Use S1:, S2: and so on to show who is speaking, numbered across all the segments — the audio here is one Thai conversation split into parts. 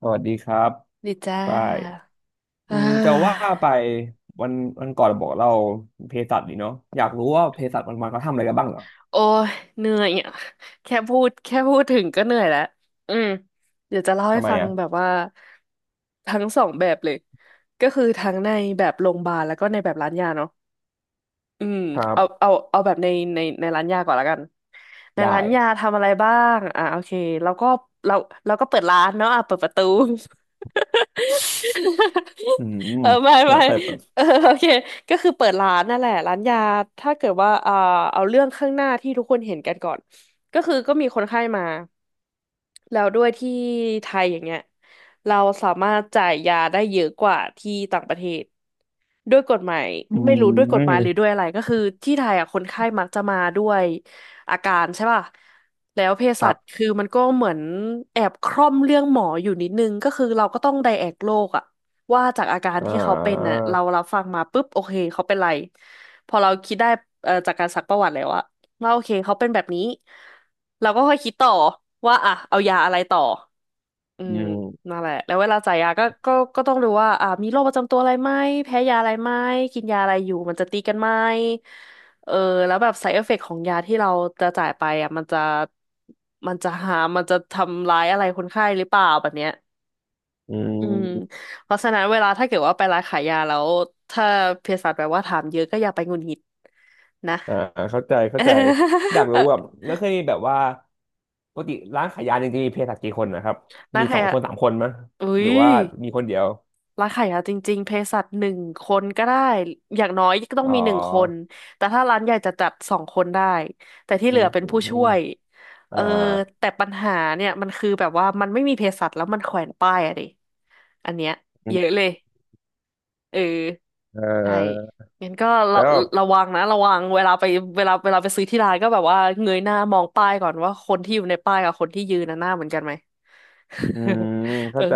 S1: สวัสดีครับ
S2: ดีจ้า
S1: ไปายอื
S2: อ่
S1: มจะว่า
S2: า
S1: ไปวันวันก่อนบอกเราเภสัชดีเนาะอยากรู้ว่าเภสัชวันวันเขาทำอะไรกันบ้างเหรอ
S2: โอ้ยเหนื่อยอ่ะแค่พูดถึงก็เหนื่อยแล้ว อืมเดี๋ยวจะเล่าให้
S1: ทำไม
S2: ฟัง
S1: อ่ะ
S2: แบบว่าทั้งสองแบบเลย ก็คือทั้งในแบบโรงพยาบาลแล้วก็ในแบบร้านยาเนาะ อืม
S1: ครับ
S2: เอาแบบในในร้านยาก่อนละกันใน
S1: ได้
S2: ร้านยาทำอะไรบ้างโอเคเราก็เราเราก็เปิดร้านเนาะอ่ะเปิดประตู
S1: อื ม
S2: เออไม่ไม่
S1: เปิด
S2: เออโอเคก็คือเปิดร้านนั่นแหละร้านยาถ้าเกิดว่าเอาเรื่องข้างหน้าที่ทุกคนเห็นกันก่อนก็คือก็มีคนไข้มา แล้วด้วยที่ไทยอย่างเงี้ยเราสามารถจ่ายยาได้เยอะกว่าที่ต่างประเทศด้วยกฎหมาย
S1: อื
S2: ไม่รู้ด้วยกฎหมายหรือ
S1: ม
S2: ด้วยอะไรก็คือที่ไทยอ่ะคนไข้มักจะมาด้วยอาการใช่ป่ะแล้วเภ
S1: ค
S2: สั
S1: รั
S2: ช
S1: บ
S2: คือมันก็เหมือนแอบคร่อมเรื่องหมออยู่นิดนึงก็คือเราก็ต้องไดแอกโรคอะว่าจากอาการ
S1: อ่า
S2: ที่เขาเป็นน่ะเรารับฟังมาปุ๊บโอเคเขาเป็นไรพอเราคิดได้จากการซักประวัติแล้วอะว่าโอเคเขาเป็นแบบนี้ เราก็ค่อยคิดต่อว่าอ่ะเอายาอะไรต่ออื
S1: อื
S2: ม
S1: ม
S2: นั่นแหละแล้วเวลาจ่ายยาก็ต้องดูว่าอ่ะมีโรคประจำตัวอะไรไหมแพ้ยาอะไรไหมกินยาอะไรอยู่มันจะตีกันไหมเออแล้วแบบ side effect ของยาที่เราจะจ่ายไปอ่ะมันจะทำร้ายอะไรคนไข้หรือเปล่าแบบเนี้ย
S1: อื
S2: อืม
S1: ม
S2: เพราะฉะนั้นเวลาถ้าเกิดว่าไปร้านขายยาแล้วถ้าเภสัชแบบว่าถามเยอะก็อย่าไปหงุดหงิดนะ
S1: อ่าเข้าใจเข้าใจอยากรู้ แบบก็วเคยมีแบบว่าปกติร้านขายยาจริงๆมีเภสัชกี่คนนะครับ
S2: ร้า
S1: มี
S2: นขา
S1: ส
S2: ย
S1: อง
S2: ยา
S1: คนสามคนมั้ย
S2: อุ้
S1: หรื
S2: ย
S1: อว่ามีคนเดียว
S2: ร้านขายยาจริงๆเภสัชหนึ่งคนก็ได้อย่างน้อยก็ต้อง
S1: อ๋
S2: มีหนึ่งคน
S1: อ
S2: แต่ถ้าร้านใหญ่จะจัดสองคนได้แต่ที่
S1: อื
S2: เห
S1: อื
S2: ลือ
S1: ม
S2: เป็น
S1: อื
S2: ผู้ช่
S1: ม
S2: วยเอ
S1: อ่า
S2: อแต่ปัญหาเนี่ยมันคือแบบว่ามันไม่มีเภสัชแล้วมันแขวนป้ายอะดิอันเนี้ยเยอะเลยเออ
S1: เ
S2: ใช่
S1: ออ
S2: งั้นก็ระ
S1: แล้วแบบ
S2: ระวังนะระวังเวลาไปเวลาไปซื้อที่ร้านก็แบบว่าเงยหน้ามองป้ายก่อนว่าคนที่อยู่ในป้ายกับคนที่ยืนน่ะหน้าเหมือนกันไหม
S1: อืม
S2: เอ
S1: เข้า
S2: อ
S1: ใจ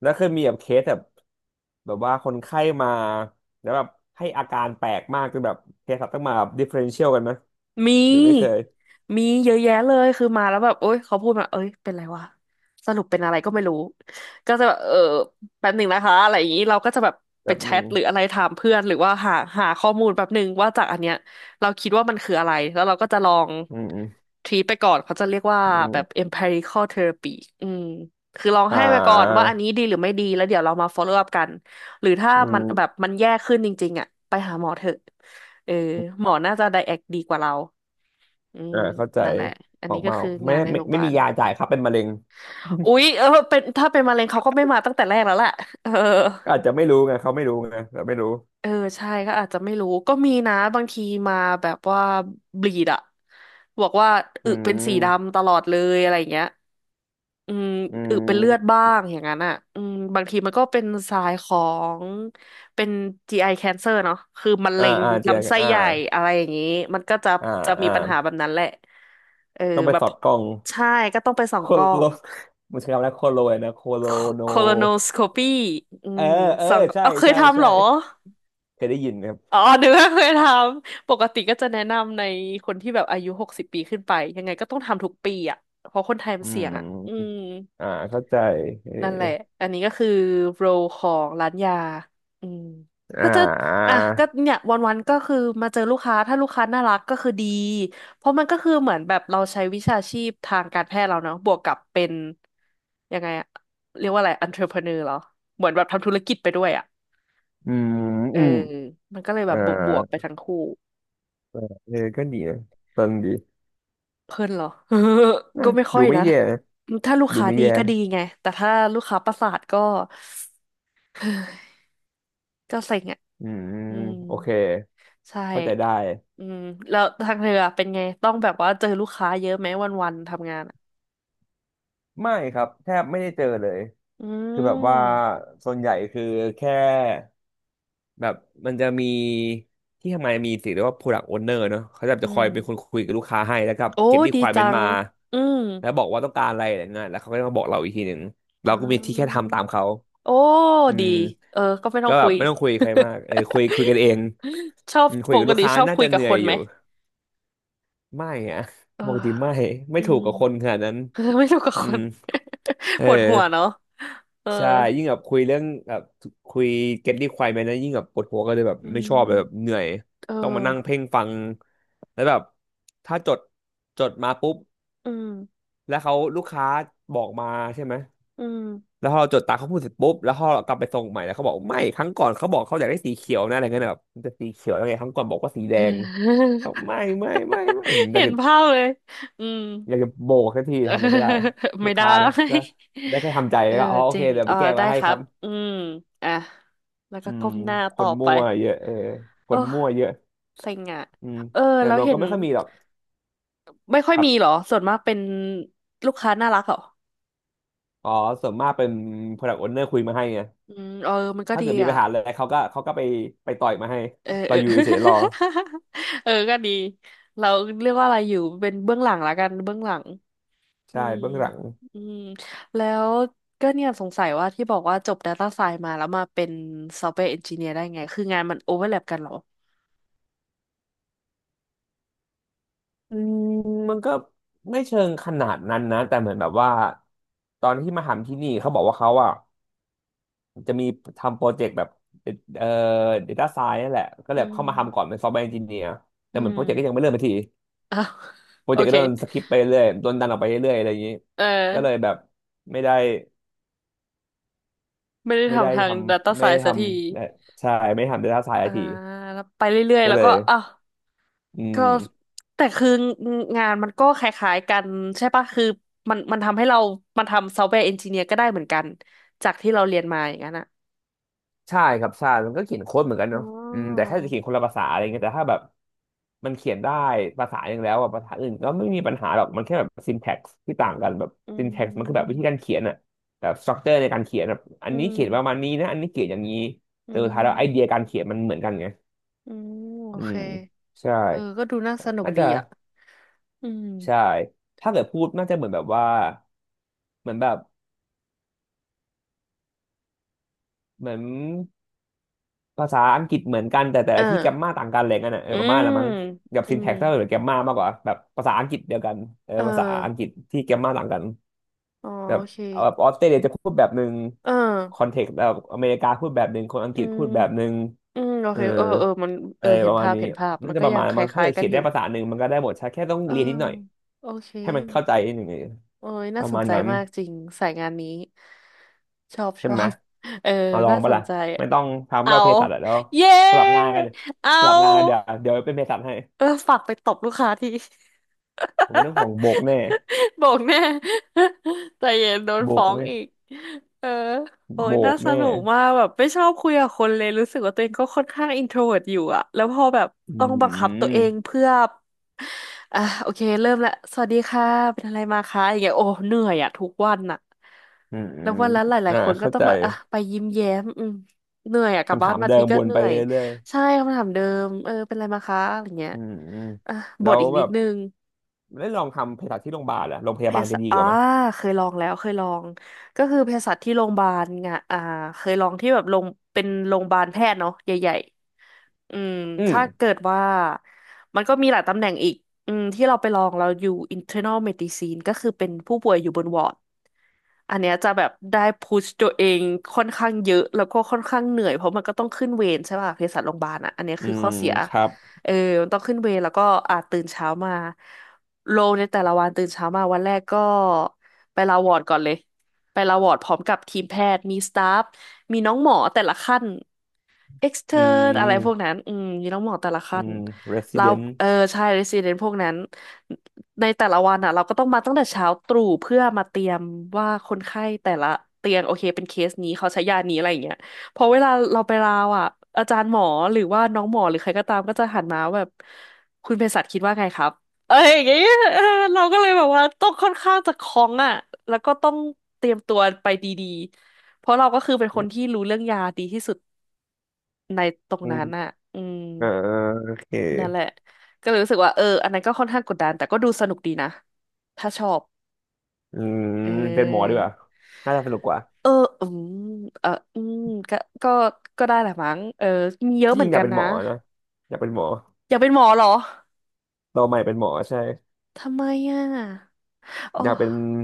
S1: แล้วเคยมีแบบเคสแบบแบบว่าคนไข้มาแล้วแบบให้อาการแปลกมากจนแบบเคสต้องมาแบบดิเฟ r เรนเชียลกันไหม
S2: มี
S1: หรือไม่เคย
S2: มีเยอะแยะเลยคือมาแล้วแบบโอ๊ยเขาพูดมาเอ้ยเป็นไรวะสรุปเป็นอะไรก็ไม่รู้ก็จะแบบเออแป๊บหนึ่งนะคะอะไรอย่างนี้เราก็จะแบบ
S1: แบ
S2: ไป
S1: บ
S2: แช
S1: หนึ่
S2: ท
S1: ง
S2: หรืออะไรถามเพื่อนหรือว่าหาข้อมูลแป๊บหนึ่งว่าจากอันเนี้ยเราคิดว่ามันคืออะไรแล้วเราก็จะลอง
S1: อืมอืม
S2: ทรีไปก่อนเขาจะเรียกว่า
S1: อื
S2: แบบ
S1: ม
S2: empirical therapy อืมคือลอง
S1: อ่
S2: ให้ไปก่อนว่า
S1: า
S2: อันนี้ดีหรือไม่ดีแล้วเดี๋ยวเรามา follow up กัน หรือถ้า
S1: อื
S2: มันแบบ
S1: ม
S2: มันแย่ขึ้นจริงๆอ่ะไปหาหมอเถอะเออหมอน่าจะไดแอกดีกว่าเรา อืม
S1: อ่าเข้าใจ
S2: นั่นแหละ อัน
S1: ออ
S2: นี้
S1: ก
S2: ก็
S1: มา
S2: คือ
S1: ไม่
S2: งานใน
S1: ไม่
S2: โรงพยา
S1: ไม่
S2: บา
S1: มี
S2: ล
S1: ยาจ่ายครับเป็นมะเร็ง
S2: อุ๊ยเออเป็นถ้าเป็นมะเร็งเขาก็ไม่มาตั้งแต่แรกแล้วแหละเออ
S1: อาจจะไม่รู้ไงเขาไม่รู้ไงเราไม่รู้
S2: เออใช่ก็อาจจะไม่รู้ก็มีนะบางทีมาแบบว่าบลีดอะบอกว่า
S1: อื
S2: อึเป็นสี
S1: ม
S2: ดำตลอดเลยอะไรอย่างเงี้ยอืม
S1: อื
S2: อึเป็นเลือด
S1: ม
S2: บ้างอย่างนั้นอ่ะอืมบางทีมันก็เป็นสายของเป็น GI cancer เนาะคือมะ
S1: อ่า
S2: เร็ง
S1: อ่าเจีย
S2: ลำไส้
S1: อ่า
S2: ใหญ่อะไรอย่างนี้มันก็จะ
S1: อ่า
S2: จะมี
S1: อ่า
S2: ปัญหาแบบนั้นแหละเออ
S1: ต้องไป
S2: แบ
S1: ส
S2: บ
S1: อดกล้อง
S2: ใช่ก็ต้องไปส่อ
S1: โค
S2: งกล้อ
S1: โล
S2: ง
S1: มันใช้คำว่าโคโลเลยนะโคโลโน
S2: colonoscopy อื
S1: เออ
S2: ม
S1: เออ
S2: ส่องเอาเคยทำเห
S1: ใช่
S2: รอ
S1: เคยได้ยินครับ
S2: อ๋อนึกว่าเคยทำ ปกติก็จะแนะนำในคนที่แบบอายุหกสิบปีขึ้นไป ยังไงก็ต้องทำทุกปีอ่ะ เพราะคนไทยมั
S1: อื
S2: นเสี่ยงอ่ะอื
S1: ม
S2: ม
S1: อ่าเข้าใจเอ
S2: นั่นแห
S1: อ
S2: ละอันนี้ก็คือโรลของร้านยา อืม
S1: อ่
S2: ก็จะ อ่ะ
S1: า
S2: ก็เนี่ยวันๆก็คือมาเจอลูกค้า ถ้าลูกค้าน่ารักก็คือดี เพราะมันก็คือเหมือนแบบเราใช้วิชาชีพทางการแพทย์เราเนาะบวกกับเป็นยังไงอะเรียกว่าอะไร entrepreneur เหรอเหมือนแบบทำธุรกิจไปด้วยอ่ะ
S1: อืม
S2: เออ
S1: อืม
S2: มันก็เลยแบ
S1: อ่า
S2: บบวกบวกไปทั้งคู่
S1: เออก็ดีนะฟังดี
S2: เพลินเหรอ
S1: นะ
S2: ก็ไม่ค่อ
S1: ดู
S2: ย
S1: ไม่
S2: นะ
S1: แย่นะ
S2: ถ้าลูก
S1: ดู
S2: ค้า
S1: ไม่
S2: ดี
S1: แย่
S2: ก็ดีไง แต่ถ้าลูกค้าประสาทก็ ก็เซ็งอ่ะ
S1: อืม
S2: อืม
S1: โอเค
S2: ใช่
S1: เข้าใจได้
S2: อืมแล้วทางเธออะเป็นไง ต้องแบบว่าเจอลูกค้าเยอะไหมวันๆทำงานอะ
S1: ไม่ครับแทบไม่ได้เจอเลย
S2: อื
S1: คือแบบว่า
S2: ม
S1: ส่วนใหญ่คือแค่ แบบมันจะมีที่ทำงานมีสิ่งเรียกว่า product owner เนอะเขาจะ
S2: อื
S1: จะคอย
S2: ม
S1: เป็นคนคุยกับลูกค้าให้แล้วก็
S2: โอ้
S1: เก็บ
S2: ดีจั
S1: requirement
S2: ง
S1: มา
S2: อืม
S1: แล้วบอกว่าต้องการอะไรอะไรเงี้ยแล้วเขาก็จะมาบอกเราอีกทีหนึ่งเรา
S2: อ่
S1: ก็มีที่แค่
S2: า
S1: ทำตามเขา
S2: โอ้
S1: อื
S2: ดี
S1: ม
S2: เออ ก็ไม่ต้อ
S1: ก็
S2: ง
S1: แบ
S2: คุ
S1: บ
S2: ย
S1: ไม่ต้องคุยกับใครมากเออคุยคุยกันเอง
S2: ชอบ
S1: อืมคุ
S2: ป
S1: ยกับ
S2: ก
S1: ลูก
S2: ติ
S1: ค้า
S2: ชอบ
S1: น่า
S2: คุย
S1: จะเห
S2: กับ
S1: นื่
S2: ค
S1: อย
S2: น
S1: อ
S2: ไหม
S1: ยู่ไม่อะ
S2: เออ
S1: ปกติไม่ไม่
S2: อื
S1: ถู
S2: ม
S1: ก กับคนขนาดนั้น
S2: เออไม่ถูกกับ
S1: อื
S2: ค
S1: ม
S2: น
S1: เอ
S2: ปวดหัว
S1: อ
S2: เนาะเออ
S1: ใช่ยิ่งแบบคุยเรื่องแบบคุย get requirement นะยิ่งแบบปวดหัวก็เลยแบบ
S2: อื
S1: ไม่ชอบเลยแบบเห
S2: ม
S1: นื่อย
S2: เอ
S1: ต้องมานั่ง
S2: อ
S1: เพ่งฟังแล้วแบบถ้าจดจดมาปุ๊บ
S2: อืม
S1: แล้วเขาลูกค้าบอกมาใช่ไหม
S2: อืม
S1: แล้วพอเราจดตามเขาพูดเสร็จปุ๊บแล้วพอเรากลับไปส่งใหม่แล้วเขาบอกไม่ครั้งก่อนเขาบอกเขาอยากได้สีเขียวนะอะไรเงี้ยแบบมันจะสีเขียวยังไงครั้งก่อนบอกว่าสีแดงบอก ไม่ผมอยา
S2: เห็
S1: ก
S2: น
S1: จะ
S2: ภาพเลยอืม
S1: อยากจะโบกสักที
S2: เออ
S1: ทำอะไรไม่ได้ลู
S2: ไม่
S1: ก
S2: ได้
S1: ค้านะก็ได้แค่ทำใจ
S2: เอ
S1: แล้
S2: อ
S1: วก็อ๋อโอ
S2: จริ
S1: เค
S2: ง
S1: เดี๋ยว
S2: เอ
S1: ไป
S2: อ
S1: แก้
S2: ได้
S1: มาให้
S2: ค
S1: ค
S2: รั
S1: รั
S2: บ
S1: บ
S2: อืมอ่ะแล้ว
S1: อื
S2: ก็
S1: ม
S2: ก้มหน้า
S1: ค
S2: ต่อ
S1: น
S2: ไป
S1: มั่วเยอะเออคน
S2: โอ้
S1: มั่วเยอะ
S2: เซ็งอ่ะ
S1: อืม
S2: เออ
S1: แต่
S2: แล้ว
S1: รวม
S2: เห็
S1: ก็
S2: น
S1: ไม่ค่อยมีหรอก
S2: ไม่ค่อย
S1: ครับ
S2: มีเหรอส่วนมากเป็นลูกค้าน่ารักเหรอ
S1: อ๋อส่วนมากเป็น Product Owner คุยมาให้ไง
S2: อืมเออมันก็
S1: ถ้า
S2: ดี
S1: เกิดมีปั
S2: อ่ะ
S1: ญหาอะไรเขาก็ไปไปต่อยมาให้
S2: เออ เอ
S1: เรา
S2: อ
S1: อยู่เฉยๆรอ
S2: เออก็ดีเราเรียกว่าอะไรอยู่เป็นเบื้องหลังละกันเบื้องหลังอื
S1: ใช่
S2: ม
S1: เบื้องหลัง
S2: อืมแล้วก็เนี่ยสงสัยว่าที่บอกว่าจบ Data Science มาแล้วมาเป็น Software Engineer ได้ไงคืองานมันโอเวอร์แลปกันเหรอ
S1: อืมมันก็ไม่เชิงขนาดนั้นนะแต่เหมือนแบบว่าตอนที่มาทำที่นี่เขาบอกว่าเขาอ่ะจะมีทำโปรเจกต์แบบเอ่อ data science นั่นแหละก็
S2: อื
S1: เลยเข้ามาทำก่อน
S2: ม
S1: เป็น software engineer
S2: อื
S1: แต่เหมือนโป
S2: ม
S1: รเจกต์ก็ยังไม่เริ่มสัที
S2: อ้าว
S1: โปร
S2: โอ
S1: เจกต์ก็
S2: เค
S1: โดนสคิปไปเรื่อย โดนดันออกไปเรื่อยอะไรอย่างนี้
S2: เออ
S1: ก็เลยแบบไม่ได้
S2: ไม่ได้
S1: ไม่ได้
S2: ทำทา
S1: ท
S2: ง Data
S1: ไม่ได้
S2: Science
S1: ท
S2: สักที
S1: ำใช่ไม่ทำ data
S2: อ่า
S1: science ที
S2: แล้วไปเรื่อยๆ
S1: ก็
S2: แล้ว
S1: เล
S2: ก็
S1: ย
S2: อ้าว
S1: อื
S2: ก็
S1: ม
S2: แต่คืองานมันก็คล้ายๆกันใช่ปะคือมันทำให้เรามันทำซอฟต์แวร์เอนจิเนียร์ก็ได้เหมือนกันจากที่เราเรียนมาอย่างนั้นอ่ะ
S1: ใช่ครับใช่มันก็เขียนโค้ดเหมือนกัน
S2: อ๋
S1: เนาะอืมแต่
S2: อ
S1: แค่จะเขียนคนละภาษาอะไรเงี้ยแต่ถ้าแบบมันเขียนได้ภาษาอย่างแล้วอะภาษาอื่นก็ไม่มีปัญหาหรอกมันแค่แบบ syntax ที่ต่างกันแบบ
S2: อื
S1: syntax มันคือแบบวิ
S2: ม
S1: ธีการเขียนอะแบบ structure ในการเขียนแบบอัน
S2: อื
S1: นี้
S2: ม
S1: เขียนประมาณนี้นะอันนี้เขียนอย่างนี้
S2: อื
S1: แต่สุดท้ายแล้วไอเดีย
S2: ม
S1: การเขียนมันเหมือนกันไง
S2: อืมโอ
S1: อื
S2: เค
S1: มใช่
S2: เออก็ดูน่าสนุก
S1: น่า
S2: ดี
S1: จะ
S2: อ่ะอืม
S1: ใช่ถ้าเกิดพูดน่าจะเหมือนแบบว่าเหมือนแบบเหมือนภาษาอังกฤษเหมือนกันแต่แต่
S2: เอ
S1: ละที่
S2: อ
S1: แกมมาต่างกันอะไรเงี้ยนะเอ
S2: อื
S1: อประมาณ
S2: ม
S1: ละมั้งกับ
S2: อื
S1: ซิน
S2: ม
S1: แท็กซ์หรือแกมมามากกว่าแบบภาษาอังกฤษเดียวกันเออ
S2: เออ
S1: ภาษาอังกฤษที่แกมมาต่างกัน
S2: อ๋อ
S1: แบ
S2: โอ
S1: บ
S2: เค
S1: เอาแบบออสเตรเลียจะพูดแบบหนึ่ง
S2: เออ
S1: คอนเทกต์แบบอเมริกาพูดแบบหนึ่งคนอัง
S2: อื
S1: กฤษ
S2: ม
S1: พูดแบบหนึ่ง
S2: อืมโอ
S1: เออ
S2: เคเออเออมัน
S1: อะ
S2: เออ
S1: ไร
S2: เห็
S1: ป
S2: น
S1: ระมาณ
S2: ภาพ
S1: นี้
S2: เห็นภาพมั
S1: น่า
S2: น
S1: จะ
S2: ก็
S1: ประ
S2: ยั
S1: มา
S2: ง
S1: ณ
S2: ค
S1: มั้งถ้า
S2: ล้า
S1: เกิ
S2: ย
S1: ด
S2: ๆกั
S1: เขี
S2: น
S1: ยน
S2: อ
S1: ได้
S2: ยู่
S1: ภาษาหนึ่งมันก็ได้หมดใช่แค่ต้อง
S2: เออ
S1: เรียนนิดหน่อย
S2: โอเค
S1: ให้มันเข้าใจนิดหนึ่ง
S2: โอ้ย
S1: ป
S2: น่า
S1: ระ
S2: สน
S1: มาณ
S2: ใจ
S1: นั้น
S2: มากจริงสายงานนี้ชอบ ช
S1: ใช่
S2: อ
S1: ไหม
S2: บเออ
S1: มาลอ
S2: น่า
S1: ง
S2: ส
S1: ปะ
S2: น
S1: ล่ะ
S2: ใจ
S1: ไม่ต้องทำ
S2: เอา
S1: แล้วเภสัชอะแล้ว
S2: เย้
S1: สลับงานกัน
S2: เอ
S1: สลับงานเดี๋ยว
S2: า
S1: เดี๋ยวเป็นเภสัชให้
S2: เออฝากไปตบลูกค้าที
S1: ผมไม่ต้องห่ วงโบกแน่
S2: บอกแน่ ใจเย็นโดน
S1: โบ
S2: ฟ้
S1: ก
S2: อง
S1: แน่
S2: อีกเออโอ้
S1: โบ
S2: ยน่า
S1: ก
S2: ส
S1: แน่
S2: นุกมากแบบไม่ชอบคุยกับคนเลยรู้สึกว่าตัวเองก็ค่อนข้างอินโทรเวิร์ตอยู่อะแล้วพอแบบ
S1: อื
S2: ต้องบังคับตัวเอง
S1: ม
S2: เพื่ออ่ะโอเคเริ่มละสวัสดีค่ะเป็นอะไรมาคะอย่างเงี้ยโอ้เหนื่อยอะทุกวันอะ
S1: อืมอ
S2: แล้ว
S1: ม
S2: วันละหลาย
S1: อ่า
S2: ๆคนก็
S1: เข้า
S2: ต้อง
S1: ใจ
S2: แบบอ่ะไปยิ้มแย้มอืมเหนื่อยอะกลับ
S1: คำ
S2: บ้าน
S1: ถาม
S2: มา
S1: เดิ
S2: ที
S1: ม
S2: ก็
S1: วน
S2: เห
S1: ไป
S2: นื่อย
S1: เรื่อย
S2: ใช่คำถามเดิมเออเป็นอะไรมาคะอะไรเงี้
S1: ๆ
S2: ย
S1: อืมอืม
S2: อ่ะบ
S1: แล้
S2: ท
S1: ว
S2: อีก
S1: แบ
S2: นิด
S1: บ
S2: นึง
S1: ได้ลองทำเภสัชที่โรงพยาบาลอะโรงพ
S2: เภ
S1: ยาบาล
S2: สั
S1: จะ
S2: ช
S1: ดี
S2: อ่า
S1: กว่าไหมย
S2: เคยลองแล้วเคยลอง ก็คือเภสัชที่โรงพยาบาลไงอ่าเคยลองที่แบบลงเป็นโรงพยาบาลแพทย์เนาะใหญ่ๆอืม
S1: อืม
S2: ถ้าเกิดว่า มันก็มีหลายตำแหน่งอีกอืมที่เราไปลองเราอยู่ internal medicine ก็คือเป็นผู้ป่วยอยู่บนวอร์ดอันเนี้ยจะแบบได้พุชตัวเองค่อนข้างเยอะ แล้วก็ค่อนข้างเหนื่อย เพราะมันก็ต้องขึ้นเวรใช่ป่ะเภสัชโรงพยาบาลอ่ะอันเนี้ย
S1: อื
S2: คือข้อ
S1: ม
S2: เสีย
S1: ครับ
S2: เออมันต้องขึ้นเวรแล้วก็อ่าตื่นเช้ามา โลในแต่ละวันตื่นเช้ามาวันแรกก็ไปลาวอร์ดก่อนเลยไปลาวอร์ดพร้อมกับทีมแพทย์มีสตาฟมีน้องหมอแต่ละขั้นเอ็กซ n เทอ
S1: อื
S2: ร์อะไรพวก
S1: ม
S2: นั้นอืมมีน้องหมอแต่ละ
S1: อื
S2: ขั้น
S1: ม
S2: แล้ว
S1: resident
S2: เออใช่เรซิเดนพวกนั้นในแต่ละวันอ่ะเราก็ต้องมาตั้งแต่เช้าตรู่เพื่อมาเตรียมว่าคนไข้แต่ละเตียงโอเคเป็นเคสนี้เขาใช้ยานี้อะไรอย่างเงี้ยพอเวลาเราไปลาวอ่ะอาจารย์หมอหรือว่าน้องหมอหรือใครก็ตามก็จะหันมาแบบคุณเภสัชคิดว่าไงครับ เอออย่างเงี้ย เออเราก็เลยแบบว่าต้องค่อนข้างจะคล่องอ่ะแล้วก็ต้องเตรียมตัวไปดีๆเพราะเราก็คือเป็นค
S1: อื
S2: น
S1: ม
S2: ที่รู้เรื่องยาดีที่สุดในตรง
S1: อืม
S2: นั้นอ่ะอืม
S1: เออโอเค
S2: นั่นแหละก็เลยรู้สึกว่าเอออันนั้นก็ค่อนข้างกดดันแต่ก็ดูสนุกดีนะถ้าชอบ
S1: อืม
S2: เ
S1: เป็นหมอดี
S2: ออ
S1: กว่าน่าจะสนุกกว่า
S2: เอออืมเอออืมก็ก็ก็ได้แหละมั้งเออมีเยอะ
S1: ที่
S2: เห
S1: จ
S2: มือ
S1: ริ
S2: น
S1: งอ
S2: กั
S1: ยาก
S2: น
S1: เป็นห
S2: นะ
S1: มอนะอยากเป็นหมอ
S2: อยากเป็นหมอเหรอ
S1: เราใหม่เป็นหมอใช่
S2: ทำไมอ่ะโอ
S1: อยากเป็น
S2: ้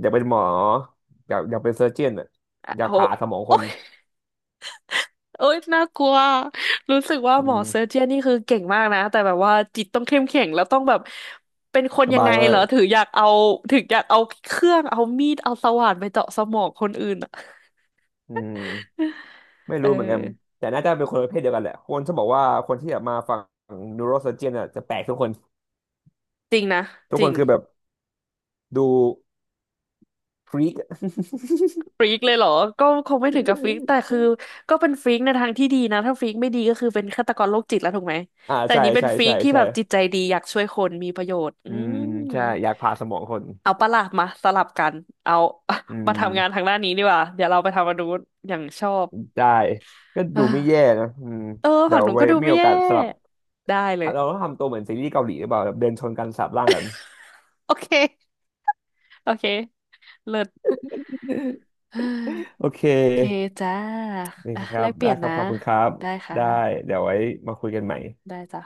S1: หมออยากเป็นเซอร์เจียนอ่ะ
S2: อะ
S1: อยาก
S2: โห
S1: ผ่าสมองคน
S2: เอ้ยน่ากลัวรู้สึกว่า
S1: อื
S2: หมอเซอ
S1: ม
S2: ร์เจียนนี่คือเก่งมากนะแต่แบบว่าจิตต้องเข้มแข็งแล้วต้องแบบเป็นคน
S1: ส
S2: ยัง
S1: บา
S2: ไง
S1: ยมา
S2: เหรอ
S1: ก
S2: ถึงอยากเอาถึงอยากเอาเครื่องเอามีดเอาสว่านไปเจาะสมองคนอื่นอะ
S1: อืม ไม่
S2: เออ
S1: รู้เหมือนกันแต่น่าจะเป็นคนประเภทเดียวกันแหละคนจะบอกว่าคนที่แบบมาฝั่งนิวโรเซอร์เจียนอ่ะจะแปลกทุกคน
S2: จริงนะ
S1: ทุก
S2: จ
S1: ค
S2: ริ
S1: น
S2: ง
S1: คือแบบดูฟรีก
S2: ฟรีกเลยเหรอก็คงไม่ถึงกับฟรีกแต่คือก็เป็นฟรีกในทางที่ดีนะ ถ้าฟรีกไม่ดีก็คือเป็นฆาตกรโรคจิตแล้วถูกไหม
S1: อ่า
S2: แต่อันนี้เป็นฟรีกที่แบ
S1: ใช่
S2: บจิตใจดีอยากช่วยคนมีประโยชน์ อื
S1: อืม
S2: ม
S1: ใช่อยากผ่าสมองคน
S2: เอาปะล่ะมาสลับกัน เอา
S1: อื
S2: มาทำงานทา
S1: ม
S2: งด้านนี้ดีกว่า เดี๋ยวเราไปทำมาดูนอย่างชอบ
S1: ได้ก็
S2: เออ
S1: ดูไม่แย่นะอืม
S2: เออ
S1: เดี๋
S2: ฝั่
S1: ย
S2: ง
S1: ว
S2: หนู
S1: ไว้
S2: ก็ดู
S1: มี
S2: ไม่
S1: โอ
S2: แย่
S1: กาสสลับ
S2: ได้เลย
S1: เราต้องทำตัวเหมือนซีรีส์เกาหลีหรือเปล่าแบบเดินชนกันสาบร่างกัน
S2: โอเคโอเคเลิศ เฮ้ย
S1: โอเค
S2: โอเคจ้า
S1: นะ
S2: อ่ะ
S1: ครั
S2: แล
S1: บ
S2: กเป
S1: ได้
S2: ลี่ยน
S1: ครับ
S2: นะ
S1: ขอบคุณครับ
S2: ได้ค่ะ
S1: ได้เดี๋ยวไว้มาคุยกันใหม่
S2: ได้จ้ะ